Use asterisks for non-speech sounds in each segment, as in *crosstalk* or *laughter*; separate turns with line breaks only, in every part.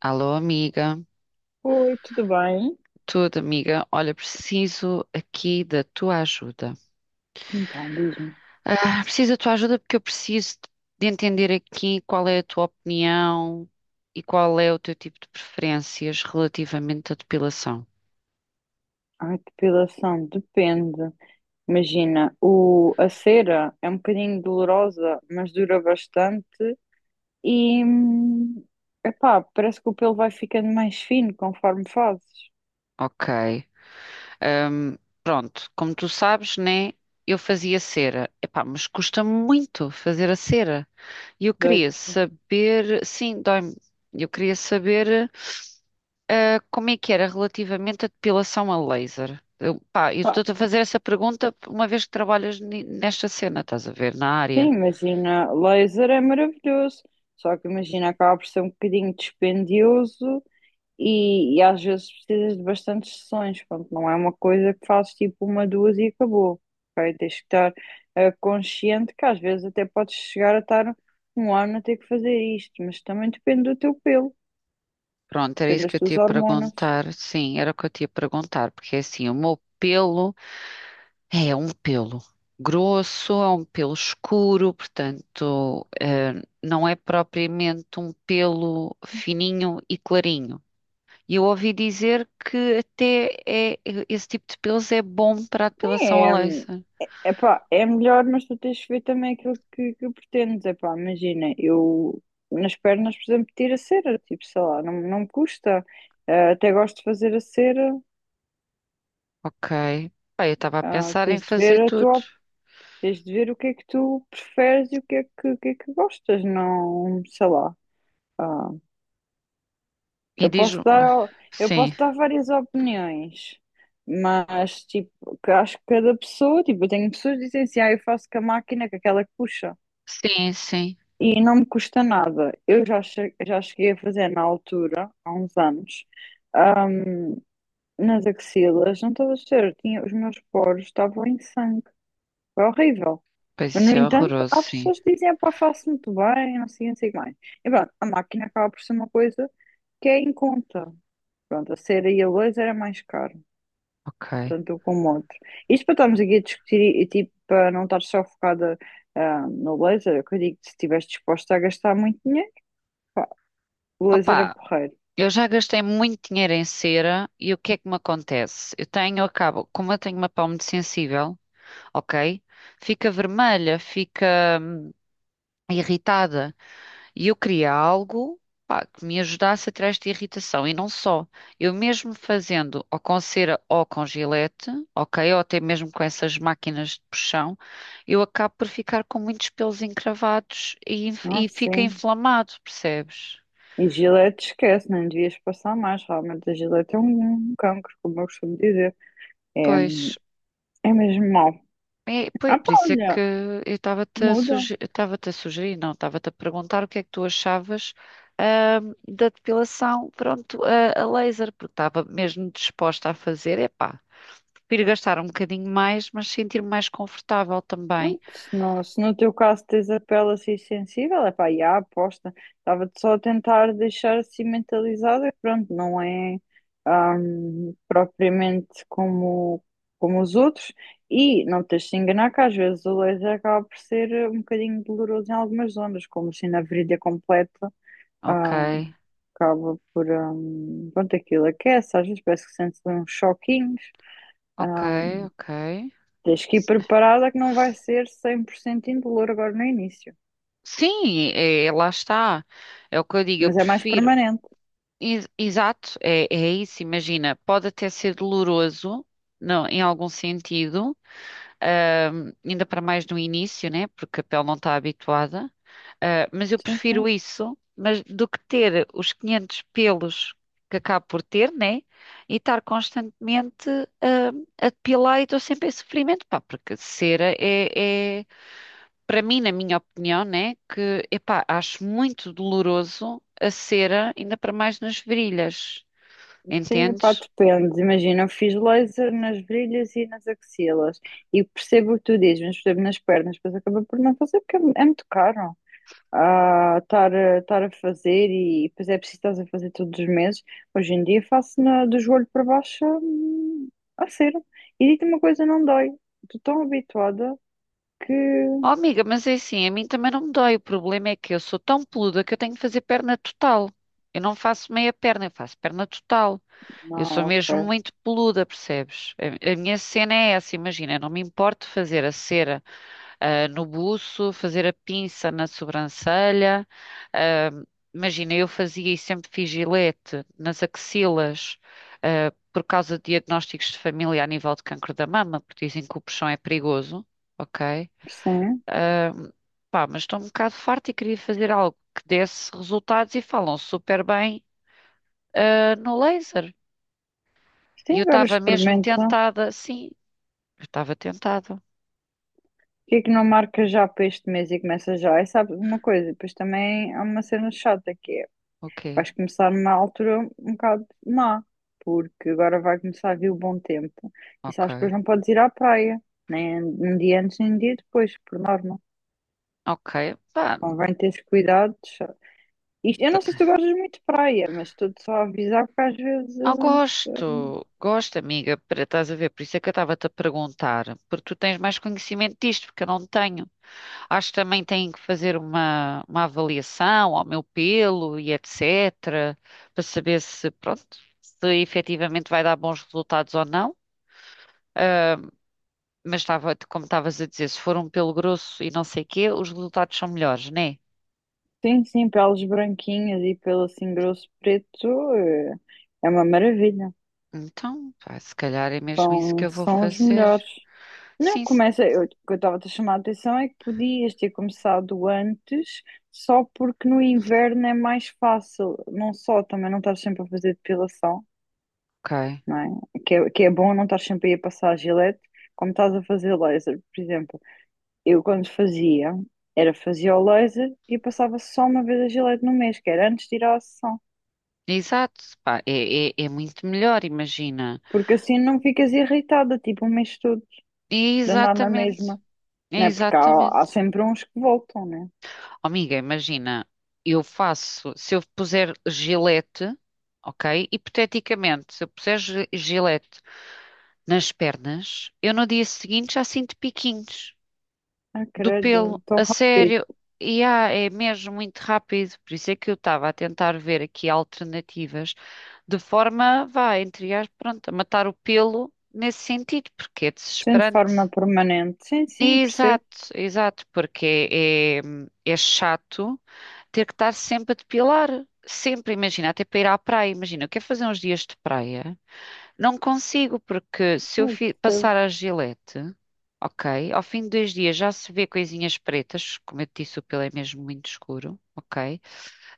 Alô, amiga.
Oi, tudo bem?
Tudo, amiga. Olha, preciso aqui da tua ajuda.
Então, diz-me.
Preciso da tua ajuda porque eu preciso de entender aqui qual é a tua opinião e qual é o teu tipo de preferências relativamente à depilação.
A depilação depende. Imagina, o, a cera é um bocadinho dolorosa, mas dura bastante e, hum, epá, parece que o pelo vai ficando mais fino conforme fazes.
Ok. Ahm, pronto, como tu sabes, né? Eu fazia cera. Epá, mas custa muito fazer a cera. E eu queria
Doito.
saber. Sim, dói-me. Eu queria saber. Ah, como é que era relativamente à depilação a laser? Eu, pá, eu
Pá,
estou-te a fazer essa pergunta uma vez que trabalhas nesta cena, estás a ver, na área.
sim, imagina, laser é maravilhoso, só que imagina, acaba por ser um bocadinho dispendioso. E às vezes precisas de bastantes sessões, pronto, não é uma coisa que fazes tipo uma, duas e acabou, ok? Tens que estar consciente que às vezes até podes chegar a estar um ano a ter que fazer isto, mas também depende do teu pelo,
Pronto, era
depende
isso
das
que eu te
tuas
ia
hormonas.
perguntar. Sim, era o que eu te ia perguntar, porque é assim, o meu pelo é um pelo grosso, é um pelo escuro, portanto, não é propriamente um pelo fininho e clarinho. E eu ouvi dizer que até é, esse tipo de pelos é bom para a depilação
É,
a laser.
é, epá, é melhor, mas tu tens de ver também aquilo que pretendes, epá, imagina, eu nas pernas, por exemplo, tiro a cera, tipo, sei lá, não me custa. Eh, até gosto de fazer a cera.
Ok. Pá, eu estava a
Ah,
pensar em
tens de ver
fazer
a
tudo.
tua. Tens de ver o que é que tu preferes e o que é que, o que é que gostas, não, sei lá. Ah,
E
eu
diz.
posso dar, eu
Sim,
posso dar várias opiniões, mas tipo, que acho que cada pessoa, tipo, eu tenho pessoas que dizem assim, ah, eu faço com a máquina, com aquela que puxa,
sim, sim.
e não me custa nada. Já cheguei a fazer na altura, há uns anos, ahm, nas axilas, não estás a ver, tinha, os meus poros estavam em sangue, foi horrível.
Pois
Mas,
isso
no
é
entanto,
horroroso,
há
sim.
pessoas que dizem, pá, faço muito bem, não sei, não sei o que mais. E pronto, a máquina acaba por ser uma coisa que é em conta. Pronto, a cera e a luz era mais caro,
Ok.
tanto um como o outro. Isto para estarmos aqui a discutir tipo, para não estar só focada no laser, eu digo que se estiveres disposta a gastar muito dinheiro, pá, o laser é
Opa,
porreiro.
eu já gastei muito dinheiro em cera e o que é que me acontece? Eu tenho, acabo, como eu tenho uma pele muito sensível, ok? Fica vermelha, fica irritada. E eu queria algo, pá, que me ajudasse a tirar esta irritação. E não só. Eu mesmo fazendo ou com cera ou com gilete, ok? Ou até mesmo com essas máquinas de puxão, eu acabo por ficar com muitos pelos encravados
Ah,
e fica
sim.
inflamado, percebes?
E Gillette esquece, não devias passar mais. Realmente a Gillette é um cancro, como eu costumo dizer. É,
Pois.
é mesmo mau.
É, pois,
Ah, pá,
por isso é que
olha,
eu
muda.
estava-te a sugerir, não, estava-te a perguntar o que é que tu achavas, da depilação, pronto, a laser, porque estava mesmo disposta a fazer, epá. Prefiro gastar um bocadinho mais, mas sentir-me mais confortável também.
Pronto, se no teu caso tens a pele assim sensível, é pá, já, aposta. Estava-te só a tentar deixar assim mentalizada, que pronto, não é propriamente como, como os outros. E não te deixes de enganar que às vezes o laser acaba por ser um bocadinho doloroso em algumas zonas, como assim na virilha completa,
Ok,
ahm, acaba por, pronto, aquilo aquece, às vezes parece que sente uns choquinhos.
ok, ok.
Tens que ir preparada que não vai ser 100% indolor agora no início.
Sim, é, é, lá está. É o que eu digo, eu
Mas é mais
prefiro.
permanente.
Exato, é, é isso. Imagina, pode até ser doloroso, não, em algum sentido, ainda para mais no início, né? Porque a pele não está habituada. Ah, mas eu
Sim,
prefiro
sim.
isso, mas do que ter os 500 pelos que acabo por ter, né? E estar constantemente ah, a depilar e estou sempre em sofrimento, pá, porque para mim, na minha opinião, né? Que, epá, acho muito doloroso a cera, ainda para mais nas virilhas,
Sim, epá,
entendes?
depende. Imagina, eu fiz laser nas virilhas e nas axilas. E percebo o que tu dizes, mas percebo nas pernas. Depois acaba por não fazer porque é muito caro. Ah, estar a fazer e depois é preciso estás a fazer todos os meses. Hoje em dia faço do joelho para baixo, a cera. E digo-te uma coisa, não dói. Estou tão habituada que...
Oh, amiga, mas é assim, a mim também não me dói. O problema é que eu sou tão peluda que eu tenho que fazer perna total. Eu não faço meia perna, eu faço perna total. Eu
Não,
sou mesmo
ok.
muito peluda, percebes? A minha cena é essa, imagina, não me importo fazer a cera, no buço, fazer a pinça na sobrancelha. ah, Imagina, eu fazia e sempre fiz gilete nas axilas, por causa de diagnósticos de família a nível de cancro da mama, porque dizem que o puxão é perigoso, ok?
Sim.
Ah, Pá, mas estou um bocado farta e queria fazer algo que desse resultados e falam super bem, no laser.
Sim,
E eu
agora
estava mesmo
experimenta.
tentada, sim, eu estava tentada.
Porquê é que não marca já para este mês e começa já? E sabes uma coisa, depois também há uma cena chata que é,
O quê?
vais começar numa altura um bocado má, porque agora vai começar a vir o bom tempo. E sabes que depois
Ok,
não podes ir à praia, nem um dia antes, nem um dia depois, por norma.
ok. Pá,
Convém teres cuidado. Isto, eu não sei
tá-
se tu gostas muito de praia, mas estou-te só a avisar porque às vezes,
ah,
eh,
gosto, gosto, amiga, para estás a ver, por isso é que eu estava-te a perguntar, porque tu tens mais conhecimento disto, porque eu não tenho. Acho que também têm que fazer uma avaliação ao meu pelo e etc, para saber se, pronto, se efetivamente vai dar bons resultados ou não. Ah, mas estava, como estavas a dizer, se for um pelo grosso e não sei o quê, os resultados são melhores, né?
sim, sim, peles branquinhas e pelo assim grosso preto, é uma maravilha.
Então, pá, se calhar é mesmo isso que
São,
eu vou
são os
fazer.
melhores. Não,
Sim, se-
começa. O que eu estava a te chamar a atenção é que podias ter começado antes, só porque no inverno é mais fácil. Não só, também não estás sempre a fazer depilação,
ok.
não é? Que é bom não estar sempre aí a passar a gilete, como estás a fazer laser, por exemplo. Eu quando fazia, era fazia o laser e passava só uma vez a gilete no mês, que era antes de ir à sessão.
Exato, pá, é muito melhor, imagina.
Porque assim não ficas irritada, tipo, o mês todo,
E é
de andar na
exatamente,
mesma.
é
Não é? Porque há
exatamente.
sempre uns que voltam, né?
Oh, amiga, imagina, eu faço, se eu puser gilete, ok? Hipoteticamente, se eu puser gilete nas pernas, eu no dia seguinte já sinto piquinhos
Ah,
do pelo,
credo, tão
a
rápido.
sério. E é mesmo muito rápido, por isso é que eu estava a tentar ver aqui alternativas de forma, vá, entre aspas, pronto, a matar o pelo nesse sentido, porque é
Sim, de forma
desesperante.
permanente. Sim, sim, percebo.
Exato, exato, porque é, é, é chato ter que estar sempre a depilar. Sempre, imagina, até para ir à praia, imagina, eu quero fazer uns dias de praia, não consigo, porque se eu
Eu percebo.
passar a Gillette, ok, ao fim de 2 dias já se vê coisinhas pretas, como eu te disse, o pelo é mesmo muito escuro, ok?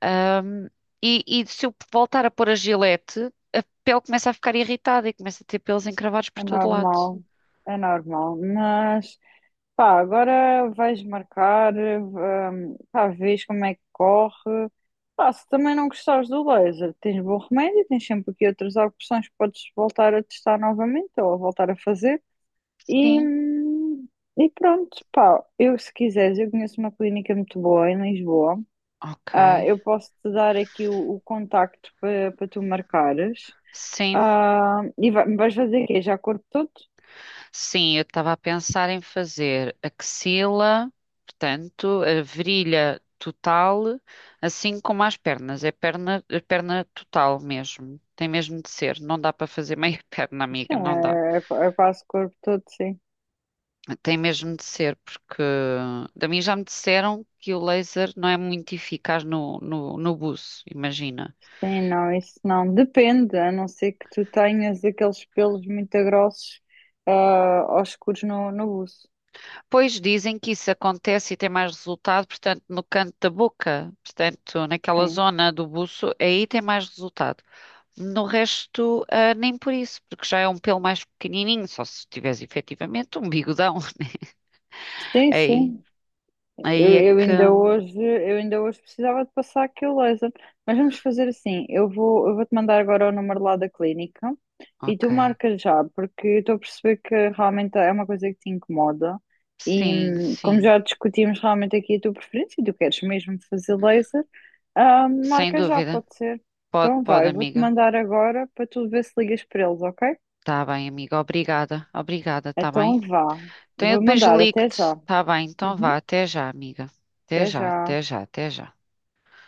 Ahm, e se eu voltar a pôr a gilete, a pele começa a ficar irritada e começa a ter pelos encravados por
É
todo lado.
normal. É normal. Mas, pá, agora vais marcar, pá, vês como é que corre. Pá, se também não gostares do laser, tens bom remédio, tens sempre aqui outras opções que podes voltar a testar novamente ou a voltar a fazer. E,
Sim.
hum, e pronto, pá, eu se quiseres, eu conheço uma clínica muito boa em Lisboa.
Ok.
Ah, eu posso te dar aqui o contacto para para tu marcares.
Sim,
Ah, e vais fazer o quê? Já corpo todo?
sim, eu estava a pensar em fazer axila, portanto, a virilha total, assim como as pernas. É perna total mesmo. Tem mesmo de ser. Não dá para fazer meia *laughs* perna, amiga,
Sim,
não dá.
é quase corpo todo, sim.
Tem mesmo de ser, porque da mim já me disseram que o laser não é muito eficaz no buço, imagina.
Sim, não, isso não. Depende, a não ser que tu tenhas aqueles pelos muito grossos, ah, aos escuros no buço.
Pois dizem que isso acontece e tem mais resultado, portanto, no canto da boca, portanto, naquela
Sim,
zona do buço, aí tem mais resultado. No resto, ah, nem por isso, porque já é um pelo mais pequenininho, só se tiveres efetivamente um bigodão. *laughs*
sim,
Aí,
sim.
aí é que.
Eu ainda hoje precisava de passar aquele laser. Mas vamos fazer assim, eu vou-te mandar agora o número lá da clínica e
Ok.
tu marcas já, porque eu estou a perceber que realmente é uma coisa que te incomoda e,
Sim,
como
sim,
já discutimos realmente aqui a tua preferência e tu queres mesmo fazer laser, ah,
sem
marca já,
dúvida.
pode ser.
Pode,
Então vá,
pode,
eu vou-te
amiga.
mandar agora para tu ver se ligas para eles, ok?
Tá bem, amiga. Obrigada. Obrigada, tá bem?
Então vá,
Então eu
vou
depois
mandar, até já.
ligo-te. Tá bem, então vá.
Uhum,
Até já, amiga. Até
até
já,
já.
até já, até já.